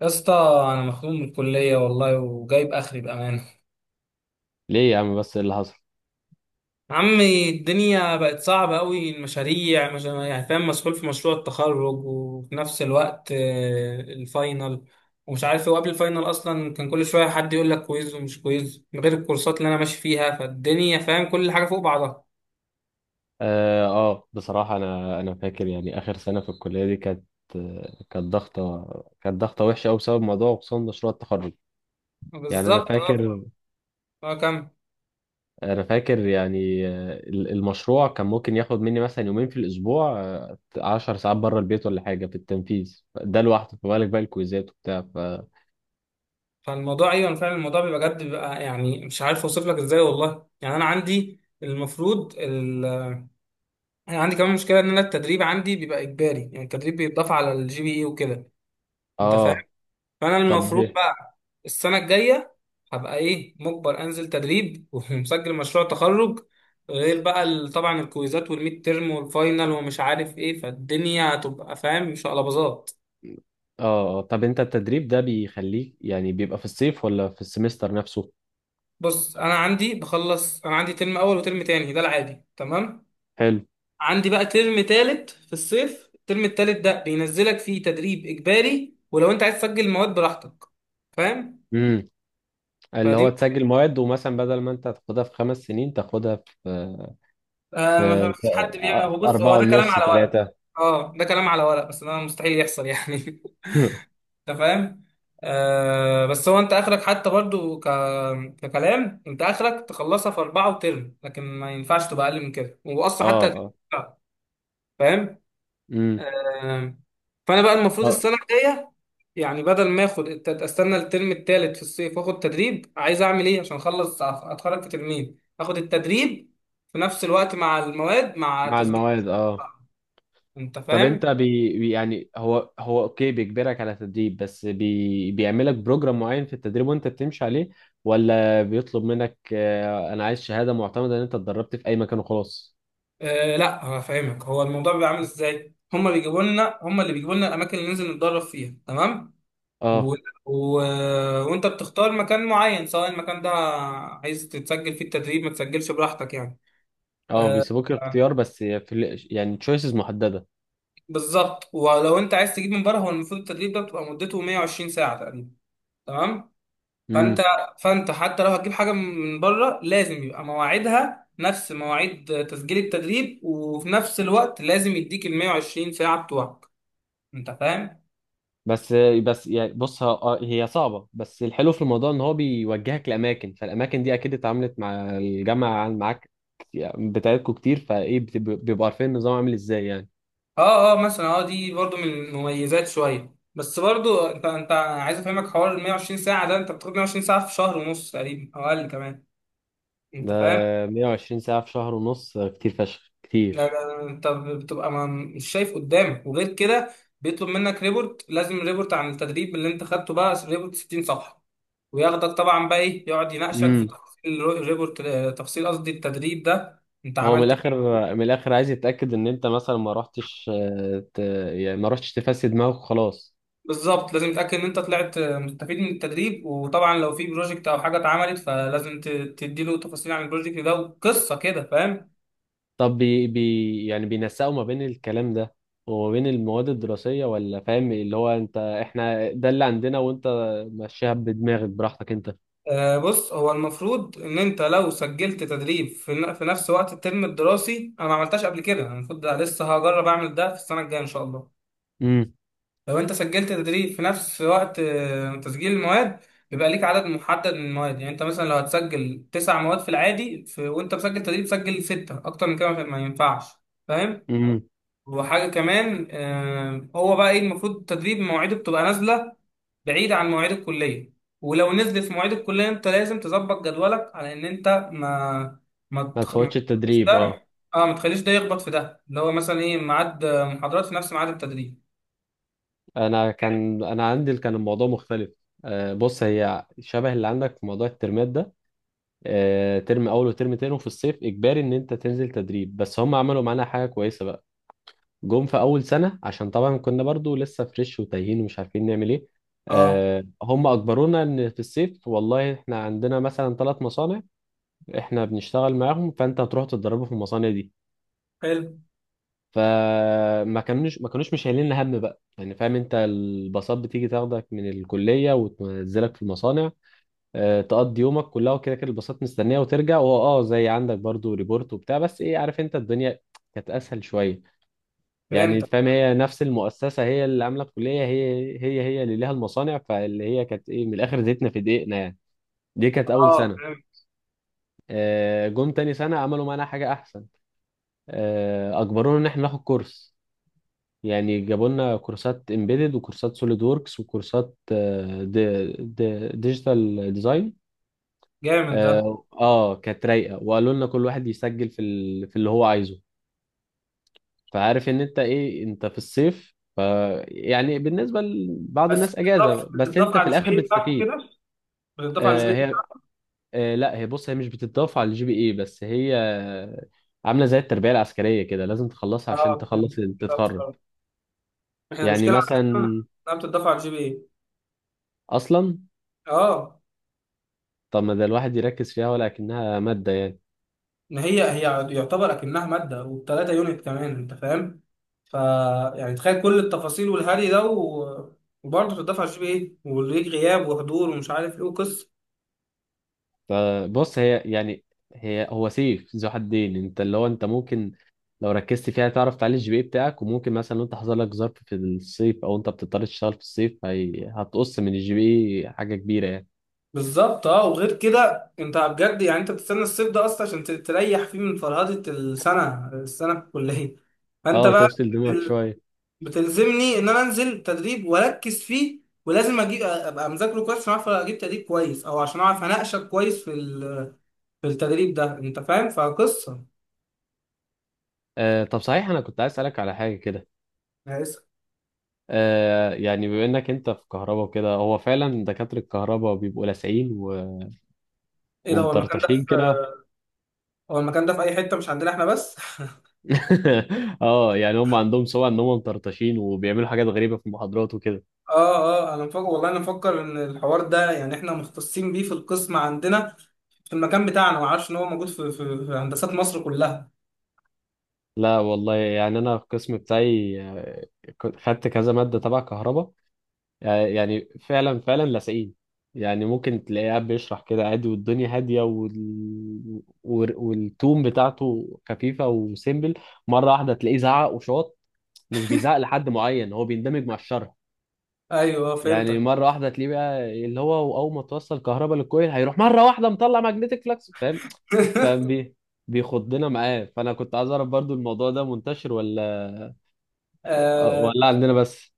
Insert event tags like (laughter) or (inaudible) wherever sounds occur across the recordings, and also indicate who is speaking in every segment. Speaker 1: يا اسطى، انا مخنوق من الكليه والله وجايب اخري بامانه.
Speaker 2: ليه يا عم بس إيه اللي حصل؟
Speaker 1: عمي الدنيا بقت صعبه قوي. المشاريع مش فاهم، مسؤول في مشروع التخرج وفي نفس الوقت الفاينل ومش عارف وقبل الفاينل اصلا كان كل شويه حد يقول لك كويز ومش كويز، من غير الكورسات اللي انا ماشي فيها، فالدنيا فاهم كل حاجه فوق بعضها.
Speaker 2: بصراحة، انا فاكر يعني اخر سنة في الكلية دي كانت، كانت ضغطة وحشة قوي بسبب موضوع خصوصا مشروع التخرج. يعني انا
Speaker 1: بالظبط اه.
Speaker 2: فاكر،
Speaker 1: كم.
Speaker 2: المشروع كان ممكن ياخد مني مثلا يومين في الاسبوع، 10 ساعات بره البيت ولا حاجة في التنفيذ، ده لوحده، في بالك بقى الكويزات وبتاع ف.
Speaker 1: فالموضوع ايوه فعلا الموضوع بيبقى بجد، بيبقى يعني مش عارف اوصف لك ازاي والله. يعني انا عندي المفروض، انا عندي كمان مشكله ان انا التدريب عندي بيبقى اجباري، يعني التدريب بيتضاف على الجي بي اي وكده. انت فاهم.
Speaker 2: اه،
Speaker 1: فانا
Speaker 2: طب.
Speaker 1: المفروض بقى السنه الجايه هبقى ايه، مجبر انزل تدريب (laughs) ومسجل مشروع تخرج، غير بقى طبعا الكويزات والميد تيرم والفاينل ومش عارف ايه، فالدنيا هتبقى فاهم مش قلبظات.
Speaker 2: طب، انت التدريب ده بيخليك يعني بيبقى في الصيف ولا في السمستر نفسه؟
Speaker 1: بص انا عندي بخلص، انا عندي ترم اول وترم تاني، ده العادي تمام. عندي بقى ترم تالت في الصيف، الترم التالت ده بينزلك فيه تدريب إجباري، ولو أنت عايز تسجل مواد براحتك. فاهم.
Speaker 2: حلو، اللي
Speaker 1: فدي
Speaker 2: هو تسجل مواد، ومثلا بدل ما انت تاخدها في 5 سنين تاخدها في
Speaker 1: آه. ما
Speaker 2: في
Speaker 1: فيش حد بيعمل. هو بص، هو
Speaker 2: أربعة
Speaker 1: ده كلام
Speaker 2: ونص،
Speaker 1: على ورق.
Speaker 2: ثلاثة.
Speaker 1: اه ده كلام على ورق، بس ده مستحيل يحصل يعني (laughs)
Speaker 2: (laughs)
Speaker 1: أنت فاهم. آه بس هو أنت آخرك حتى برضو ككلام، أنت آخرك تخلصها في أربعة وترم، لكن ما ينفعش تبقى أقل من كده، وأصلا
Speaker 2: اه،
Speaker 1: حتى
Speaker 2: اه.
Speaker 1: آه، فاهم.
Speaker 2: امم.
Speaker 1: آم، فانا بقى المفروض السنه الجايه، يعني بدل ما اخد استنى الترم الثالث في الصيف واخد تدريب، عايز اعمل ايه عشان اخلص اتخرج في ترمين، اخد التدريب في نفس الوقت مع المواد، مع
Speaker 2: مع
Speaker 1: تسجيل.
Speaker 2: المواد، اه.
Speaker 1: انت
Speaker 2: طب انت
Speaker 1: فاهم.
Speaker 2: يعني هو اوكي، بيجبرك على تدريب، بس بيعملك بروجرام معين في التدريب وانت بتمشي عليه، ولا بيطلب منك انا عايز شهادة معتمدة ان انت اتدربت في اي مكان وخلاص؟
Speaker 1: آه لا هفهمك، هو الموضوع بيبقى عامل ازاي، هما بيجيبوا لنا، هما اللي بيجيبوا لنا الاماكن اللي ننزل نتدرب فيها، تمام.
Speaker 2: اه،
Speaker 1: و... و... وانت بتختار مكان معين، سواء المكان ده عايز تتسجل فيه التدريب، ما تسجلش براحتك يعني.
Speaker 2: اه. بيسيبوك الاختيار، بس في يعني تشويسز محددة.
Speaker 1: بالظبط. ولو انت عايز تجيب من بره، هو المفروض التدريب ده بتبقى مدته 120 ساعه تقريبا، تمام. فانت فانت حتى لو هتجيب حاجه من بره لازم يبقى مواعيدها نفس مواعيد تسجيل التدريب، وفي نفس الوقت لازم يديك ال 120 ساعه بتوعك. انت فاهم.
Speaker 2: بس بس يعني، بص، هي صعبة، بس الحلو في الموضوع ان هو بيوجهك لأماكن، فالأماكن دي أكيد اتعاملت مع الجامعة معاك، يعني بتاعتكوا كتير، فإيه بيبقوا عارفين النظام عامل إزاي يعني.
Speaker 1: اه اه مثلا اه دي برضو من المميزات شويه، بس برضو انت عايز افهمك، حوار ال 120 ساعه ده انت بتاخد 120 ساعه في شهر ونص تقريبا او اقل كمان. انت
Speaker 2: ده
Speaker 1: فاهم.
Speaker 2: 120 ساعة في شهر ونص كتير فشخ،
Speaker 1: لا لا
Speaker 2: كتير.
Speaker 1: لا، انت بتبقى ما مش شايف قدامك. وغير كده بيطلب منك ريبورت، لازم ريبورت عن التدريب اللي انت خدته، بقى ريبورت 60 صفحة. وياخدك طبعا بقى ايه، يقعد يناقشك في
Speaker 2: امم.
Speaker 1: تفاصيل الريبورت، تفاصيل قصدي التدريب ده انت
Speaker 2: هو من
Speaker 1: عملت
Speaker 2: الآخر،
Speaker 1: ايه.
Speaker 2: عايز يتأكد إن أنت مثلا ما رحتش، يعني ما رحتش تفسد دماغك خلاص.
Speaker 1: بالظبط، لازم تتأكد ان انت طلعت مستفيد من التدريب. وطبعا لو في بروجكت او حاجة اتعملت، فلازم تديله تفاصيل عن البروجكت ده وقصة كده. فاهم.
Speaker 2: طب بي بي يعني بينسقوا ما بين الكلام ده وما بين المواد الدراسية، ولا فاهم اللي هو انت، احنا ده اللي عندنا وانت مشيها بدماغك براحتك انت؟
Speaker 1: بص هو المفروض ان انت لو سجلت تدريب في في نفس وقت الترم الدراسي، انا ما عملتهاش قبل كده، أنا المفروض ده لسه هجرب اعمل ده في السنه الجايه ان شاء الله.
Speaker 2: امم.
Speaker 1: لو انت سجلت تدريب في نفس وقت تسجيل المواد، بيبقى ليك عدد محدد من المواد، يعني انت مثلا لو هتسجل تسع مواد في العادي، في وانت مسجل تدريب سجل سته، اكتر من كده ما ما ينفعش. فاهم.
Speaker 2: امم.
Speaker 1: وحاجة كمان هو بقى ايه، المفروض التدريب مواعيده بتبقى نازلة بعيدة عن مواعيد الكلية، ولو نزلت في مواعيد الكلية انت لازم تظبط جدولك على ان انت
Speaker 2: ما
Speaker 1: ما
Speaker 2: تفوتش
Speaker 1: تخليش
Speaker 2: التدريب،
Speaker 1: ده،
Speaker 2: اه.
Speaker 1: اه ما تخليش ده يخبط في ده، اللي هو مثلا ايه ميعاد محاضرات في نفس ميعاد التدريب.
Speaker 2: انا كان، انا عندي كان الموضوع مختلف. بص، هي شبه اللي عندك في موضوع الترمات ده. ترم اول وترم تاني، وفي الصيف اجباري ان انت تنزل تدريب، بس هم عملوا معانا حاجة كويسة بقى. جم في اول سنه عشان طبعا كنا برضو لسه فريش وتايهين ومش عارفين نعمل ايه.
Speaker 1: اه.
Speaker 2: هم اجبرونا ان في الصيف والله احنا عندنا مثلا ثلاث مصانع احنا بنشتغل معاهم، فانت هتروح تتدربوا في المصانع دي.
Speaker 1: حلو.
Speaker 2: فما كانوش مش شايلين هم بقى، يعني فاهم انت، الباصات بتيجي تاخدك من الكليه وتنزلك في المصانع، تقضي يومك كلها، وكده كده الباصات مستنيه وترجع، وهو زي عندك برضو ريبورت وبتاع، بس ايه، عارف انت، الدنيا كانت اسهل شويه. يعني
Speaker 1: فهمت.
Speaker 2: فاهم، هي نفس المؤسسة، هي اللي عاملة الكلية، هي اللي ليها المصانع، فاللي هي كانت ايه، من الآخر زيتنا في دقيقنا يعني. دي كانت أول
Speaker 1: اه
Speaker 2: سنة.
Speaker 1: فهمت.
Speaker 2: جم تاني سنة عملوا معانا حاجة أحسن. أجبرونا إن إحنا ناخد كورس. يعني جابوا لنا كورسات امبيدد وكورسات سوليد ووركس وكورسات آه، دي دي ديجيتال ديزاين.
Speaker 1: جامد ده.
Speaker 2: كانت رايقة، وقالوا لنا كل واحد يسجل في اللي هو عايزه، فعارف ان انت ايه، انت في الصيف ف. يعني بالنسبه لبعض
Speaker 1: بس
Speaker 2: الناس
Speaker 1: بتضاف،
Speaker 2: اجازه، بس
Speaker 1: بتضاف
Speaker 2: انت في
Speaker 1: على الجي
Speaker 2: الاخر
Speaker 1: بي اي بتاعك
Speaker 2: بتستفيد.
Speaker 1: وكده، بتضاف على الجي بي اي
Speaker 2: هي.
Speaker 1: بتاعك.
Speaker 2: لا، هي، بص، هي مش بتتضاف على الجي بي اي، بس هي عامله زي التربيه العسكريه كده، لازم تخلصها عشان
Speaker 1: اه فهمت.
Speaker 2: تخلص
Speaker 1: بس،
Speaker 2: تتخرج.
Speaker 1: آه. احنا
Speaker 2: يعني
Speaker 1: المشكلة عندنا
Speaker 2: مثلا
Speaker 1: انها بتضاف على الجي بي اي.
Speaker 2: اصلا،
Speaker 1: اه.
Speaker 2: طب ما ده الواحد يركز فيها، ولكنها ماده يعني.
Speaker 1: ما هي هي يعتبر اكنها ماده، والتلاته يونت كمان، انت فاهم. ف يعني تخيل كل التفاصيل والهري ده و... وبرضه تدفع جي بي ايه وليك غياب وحضور ومش عارف ايه وقصه.
Speaker 2: فبص، هي هو سيف ذو حدين، انت اللي هو انت ممكن لو ركزت فيها تعرف تعلي الجي بي بتاعك، وممكن مثلا لو انت حصل لك ظرف في الصيف او انت بتضطر تشتغل في الصيف هي هتقص من الجي بي حاجة كبيرة يعني.
Speaker 1: بالظبط اه. وغير كده انت بجد يعني انت بتستنى الصيف ده اصلا عشان تريح فيه من فرهده السنه في الكليه. فانت
Speaker 2: اه،
Speaker 1: بقى
Speaker 2: تفصل دماغك شوية.
Speaker 1: بتلزمني ان انا انزل تدريب واركز فيه، ولازم اجيب، ابقى مذاكره كويس عشان اعرف اجيب تدريب كويس، او عشان اعرف اناقشك كويس في في التدريب ده. انت فاهم فقصه.
Speaker 2: طب صحيح، انا كنت عايز اسألك على حاجة كده.
Speaker 1: أنا اسف.
Speaker 2: يعني، بما انك انت في كهرباء وكده، هو فعلا دكاترة الكهرباء بيبقوا لاسعين و...
Speaker 1: ايه ده، هو المكان ده في،
Speaker 2: ومطرطشين كده.
Speaker 1: هو المكان ده في اي حته مش عندنا احنا بس (laughs)
Speaker 2: (laughs) اه، يعني هم عندهم سمعة ان هم مطرطشين وبيعملوا حاجات غريبة في المحاضرات وكده.
Speaker 1: اه اه، انا مفكر والله، انا مفكر ان الحوار ده يعني احنا مختصين بيه في القسم عندنا، في المكان بتاعنا، ما اعرفش ان هو موجود في في هندسات مصر كلها.
Speaker 2: لا والله، يعني انا القسم بتاعي كنت خدت كذا ماده تبع كهرباء، يعني فعلا فعلا لاصقين. يعني ممكن تلاقيه قاعد بيشرح كده عادي والدنيا هاديه والتون بتاعته خفيفه وسيمبل، مره واحده تلاقيه زعق وشاط، مش بيزعق لحد معين، هو بيندمج مع الشرح.
Speaker 1: ايوه
Speaker 2: يعني
Speaker 1: فهمتك
Speaker 2: مره واحده تلاقيه بقى اللي هو اول ما توصل كهرباء للكويل هيروح مره واحده مطلع ماجنتيك فلكس، فاهم؟ فاهم
Speaker 1: (laughs)
Speaker 2: بيه؟ بيخضنا معاه، فانا كنت عايز اعرف برضو الموضوع ده منتشر ولا
Speaker 1: آه
Speaker 2: ولا عندنا بس؟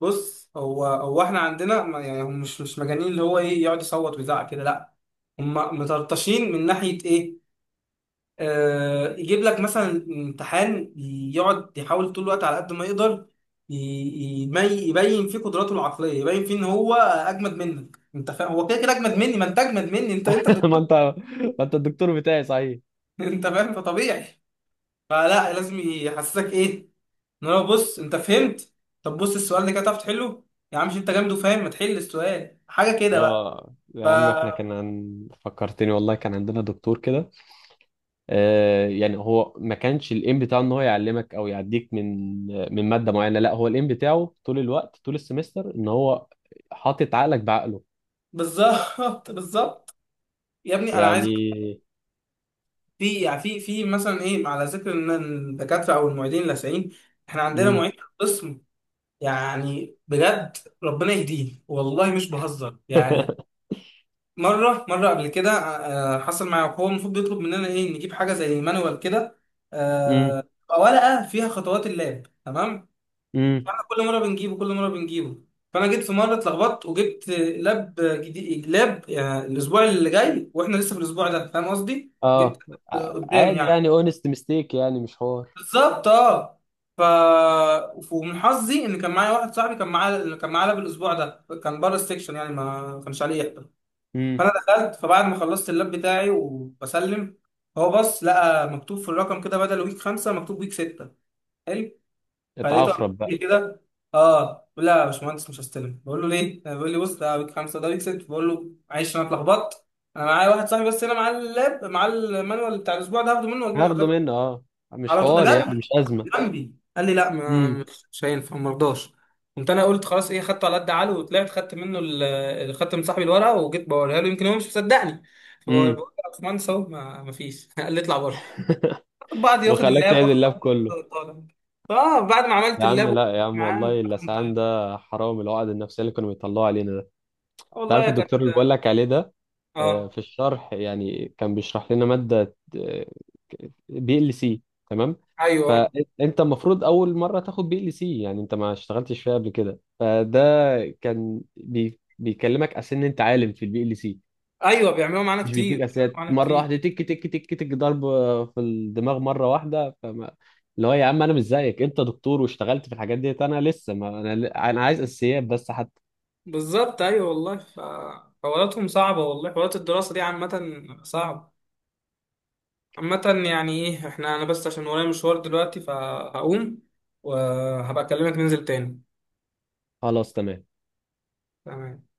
Speaker 1: بص، هو احنا عندنا يعني هم مش مجانين، اللي هو ايه يقعد يصوت ويزعق كده، لا. هم مطرطشين من ناحيه ايه، يجيب لك مثلا امتحان، يقعد يحاول طول الوقت على قد ما يقدر يبين فيه قدراته العقليه، يبين فيه ان هو اجمد منك. انت فاهم، هو كده كده اجمد مني، ما انت اجمد مني، انت انت
Speaker 2: (laughs) ما
Speaker 1: دكتور
Speaker 2: انت ما انت الدكتور بتاعي صحيح.
Speaker 1: (laughs) انت فاهم، فطبيعي. فلا لازم يحسسك ايه ان هو، بص انت فهمت، طب بص السؤال ده كده تعرف تحله، يا عم مش انت جامد وفاهم، ما تحل السؤال حاجه كده بقى.
Speaker 2: اه يا
Speaker 1: ف
Speaker 2: عم، احنا كان عن... فكرتني والله، كان عندنا دكتور كده. يعني، هو ما كانش الايم بتاعه ان هو يعلمك او يعديك من ماده معينه، لا، هو الايم بتاعه طول الوقت، طول السمستر، ان هو حاطط عقلك بعقله
Speaker 1: بالظبط (laughs) بالظبط. يا ابني انا عايز،
Speaker 2: يعني.
Speaker 1: في يعني في مثلا ايه، على ذكر ان الدكاتره او المعيدين اللاذعين، احنا عندنا
Speaker 2: امم.
Speaker 1: معيد في القسم يعني بجد ربنا يهديه والله، مش بهزر يعني.
Speaker 2: (laughs)
Speaker 1: مره قبل كده حصل معايا، هو المفروض بيطلب مننا ايه، نجيب حاجه زي مانوال كده،
Speaker 2: امم.
Speaker 1: آه، تبقى ورقه فيها خطوات اللاب، تمام.
Speaker 2: امم.
Speaker 1: فاحنا كل مره بنجيبه، كل مره بنجيبه. فانا جيت في مره اتلخبطت وجبت لاب جديد، لاب يعني الاسبوع اللي جاي واحنا لسه في الاسبوع ده، فاهم قصدي، جبت
Speaker 2: اه،
Speaker 1: قدام
Speaker 2: عادي
Speaker 1: يعني.
Speaker 2: يعني، اونست ميستيك، يعني مش حوار.
Speaker 1: بالظبط اه. ف ومن حظي ان كان معايا واحد صاحبي كان معاه، كان معاه لاب الاسبوع ده، كان بره السكشن يعني ما كانش عليه يحضر. فانا
Speaker 2: امم،
Speaker 1: دخلت، فبعد ما خلصت اللاب بتاعي وبسلم، هو بص لقى مكتوب في الرقم كده بدل ويك خمسه مكتوب ويك سته. حلو. فلقيته عمال يقول
Speaker 2: اتعفرب بقى.
Speaker 1: لي كده، اه لا يا باشمهندس مش هستلم، بقول له ليه؟ بيقول لي بص ده ويك خمسه ده ويك سته، بقول له معلش انا اتلخبطت، انا معايا واحد صاحبي بس هنا معاه اللاب، معاه المانوال بتاع الاسبوع ده، هاخده منه واجيبه
Speaker 2: هاخده
Speaker 1: لحضرتك،
Speaker 2: منه، اه، مش
Speaker 1: على طول
Speaker 2: حوار
Speaker 1: ده
Speaker 2: يعني،
Speaker 1: جنبي،
Speaker 2: مش ازمه.
Speaker 1: جنبي. قال لي لا، ما
Speaker 2: امم.
Speaker 1: مش هينفع، ما رضاش. قمت انا قلت خلاص ايه، خدته على قد عقله وطلعت، خدت منه خدت من صاحبي الورقه وجيت بوريها له يمكن هو مش مصدقني، فبقول له
Speaker 2: امم.
Speaker 1: يا باشمهندس اهو، ما فيش (laughs) قال لي اطلع بره. خد
Speaker 2: (laughs)
Speaker 1: بعض، ياخد
Speaker 2: وخلاك
Speaker 1: اللاب
Speaker 2: تعيد
Speaker 1: واخد
Speaker 2: اللاب
Speaker 1: بعض.
Speaker 2: كله؟
Speaker 1: طالع. اه بعد ما عملت
Speaker 2: يا عم،
Speaker 1: اللاب وقعدت
Speaker 2: لا يا عم
Speaker 1: معاه
Speaker 2: والله،
Speaker 1: كان
Speaker 2: اللسعان
Speaker 1: طيب.
Speaker 2: ده حرام، العقد النفسية اللي كانوا بيطلعوا علينا ده. انت عارف
Speaker 1: والله كانت
Speaker 2: الدكتور اللي بقول لك عليه ده،
Speaker 1: اه.
Speaker 2: في الشرح يعني كان بيشرح لنا مادة بي ال سي، تمام.
Speaker 1: ايوه آه.
Speaker 2: فانت المفروض اول مرة تاخد بي ال سي، يعني انت ما اشتغلتش فيها قبل كده، فده كان بيكلمك عشان انت عالم في البي ال سي،
Speaker 1: ايوه بيعملوا معانا
Speaker 2: مش
Speaker 1: كتير،
Speaker 2: بيديك
Speaker 1: بيعملوا
Speaker 2: اساسيات،
Speaker 1: معانا
Speaker 2: مره
Speaker 1: كتير.
Speaker 2: واحده تك تك تك تك ضرب في الدماغ مره واحده، فما اللي هو يا عم، انا مش زيك، انت دكتور واشتغلت في الحاجات ديت، انا لسه، ما انا عايز اساسيات بس حتى.
Speaker 1: بالظبط ايوه والله. ف حواراتهم صعبه والله، حوارات الدراسه دي عامه صعبه، عامة. يعني ايه احنا، انا بس عشان ورايا مشوار دلوقتي فهقوم، وهبقى اكلمك ننزل تاني.
Speaker 2: خلاص، تمام.
Speaker 1: تمام.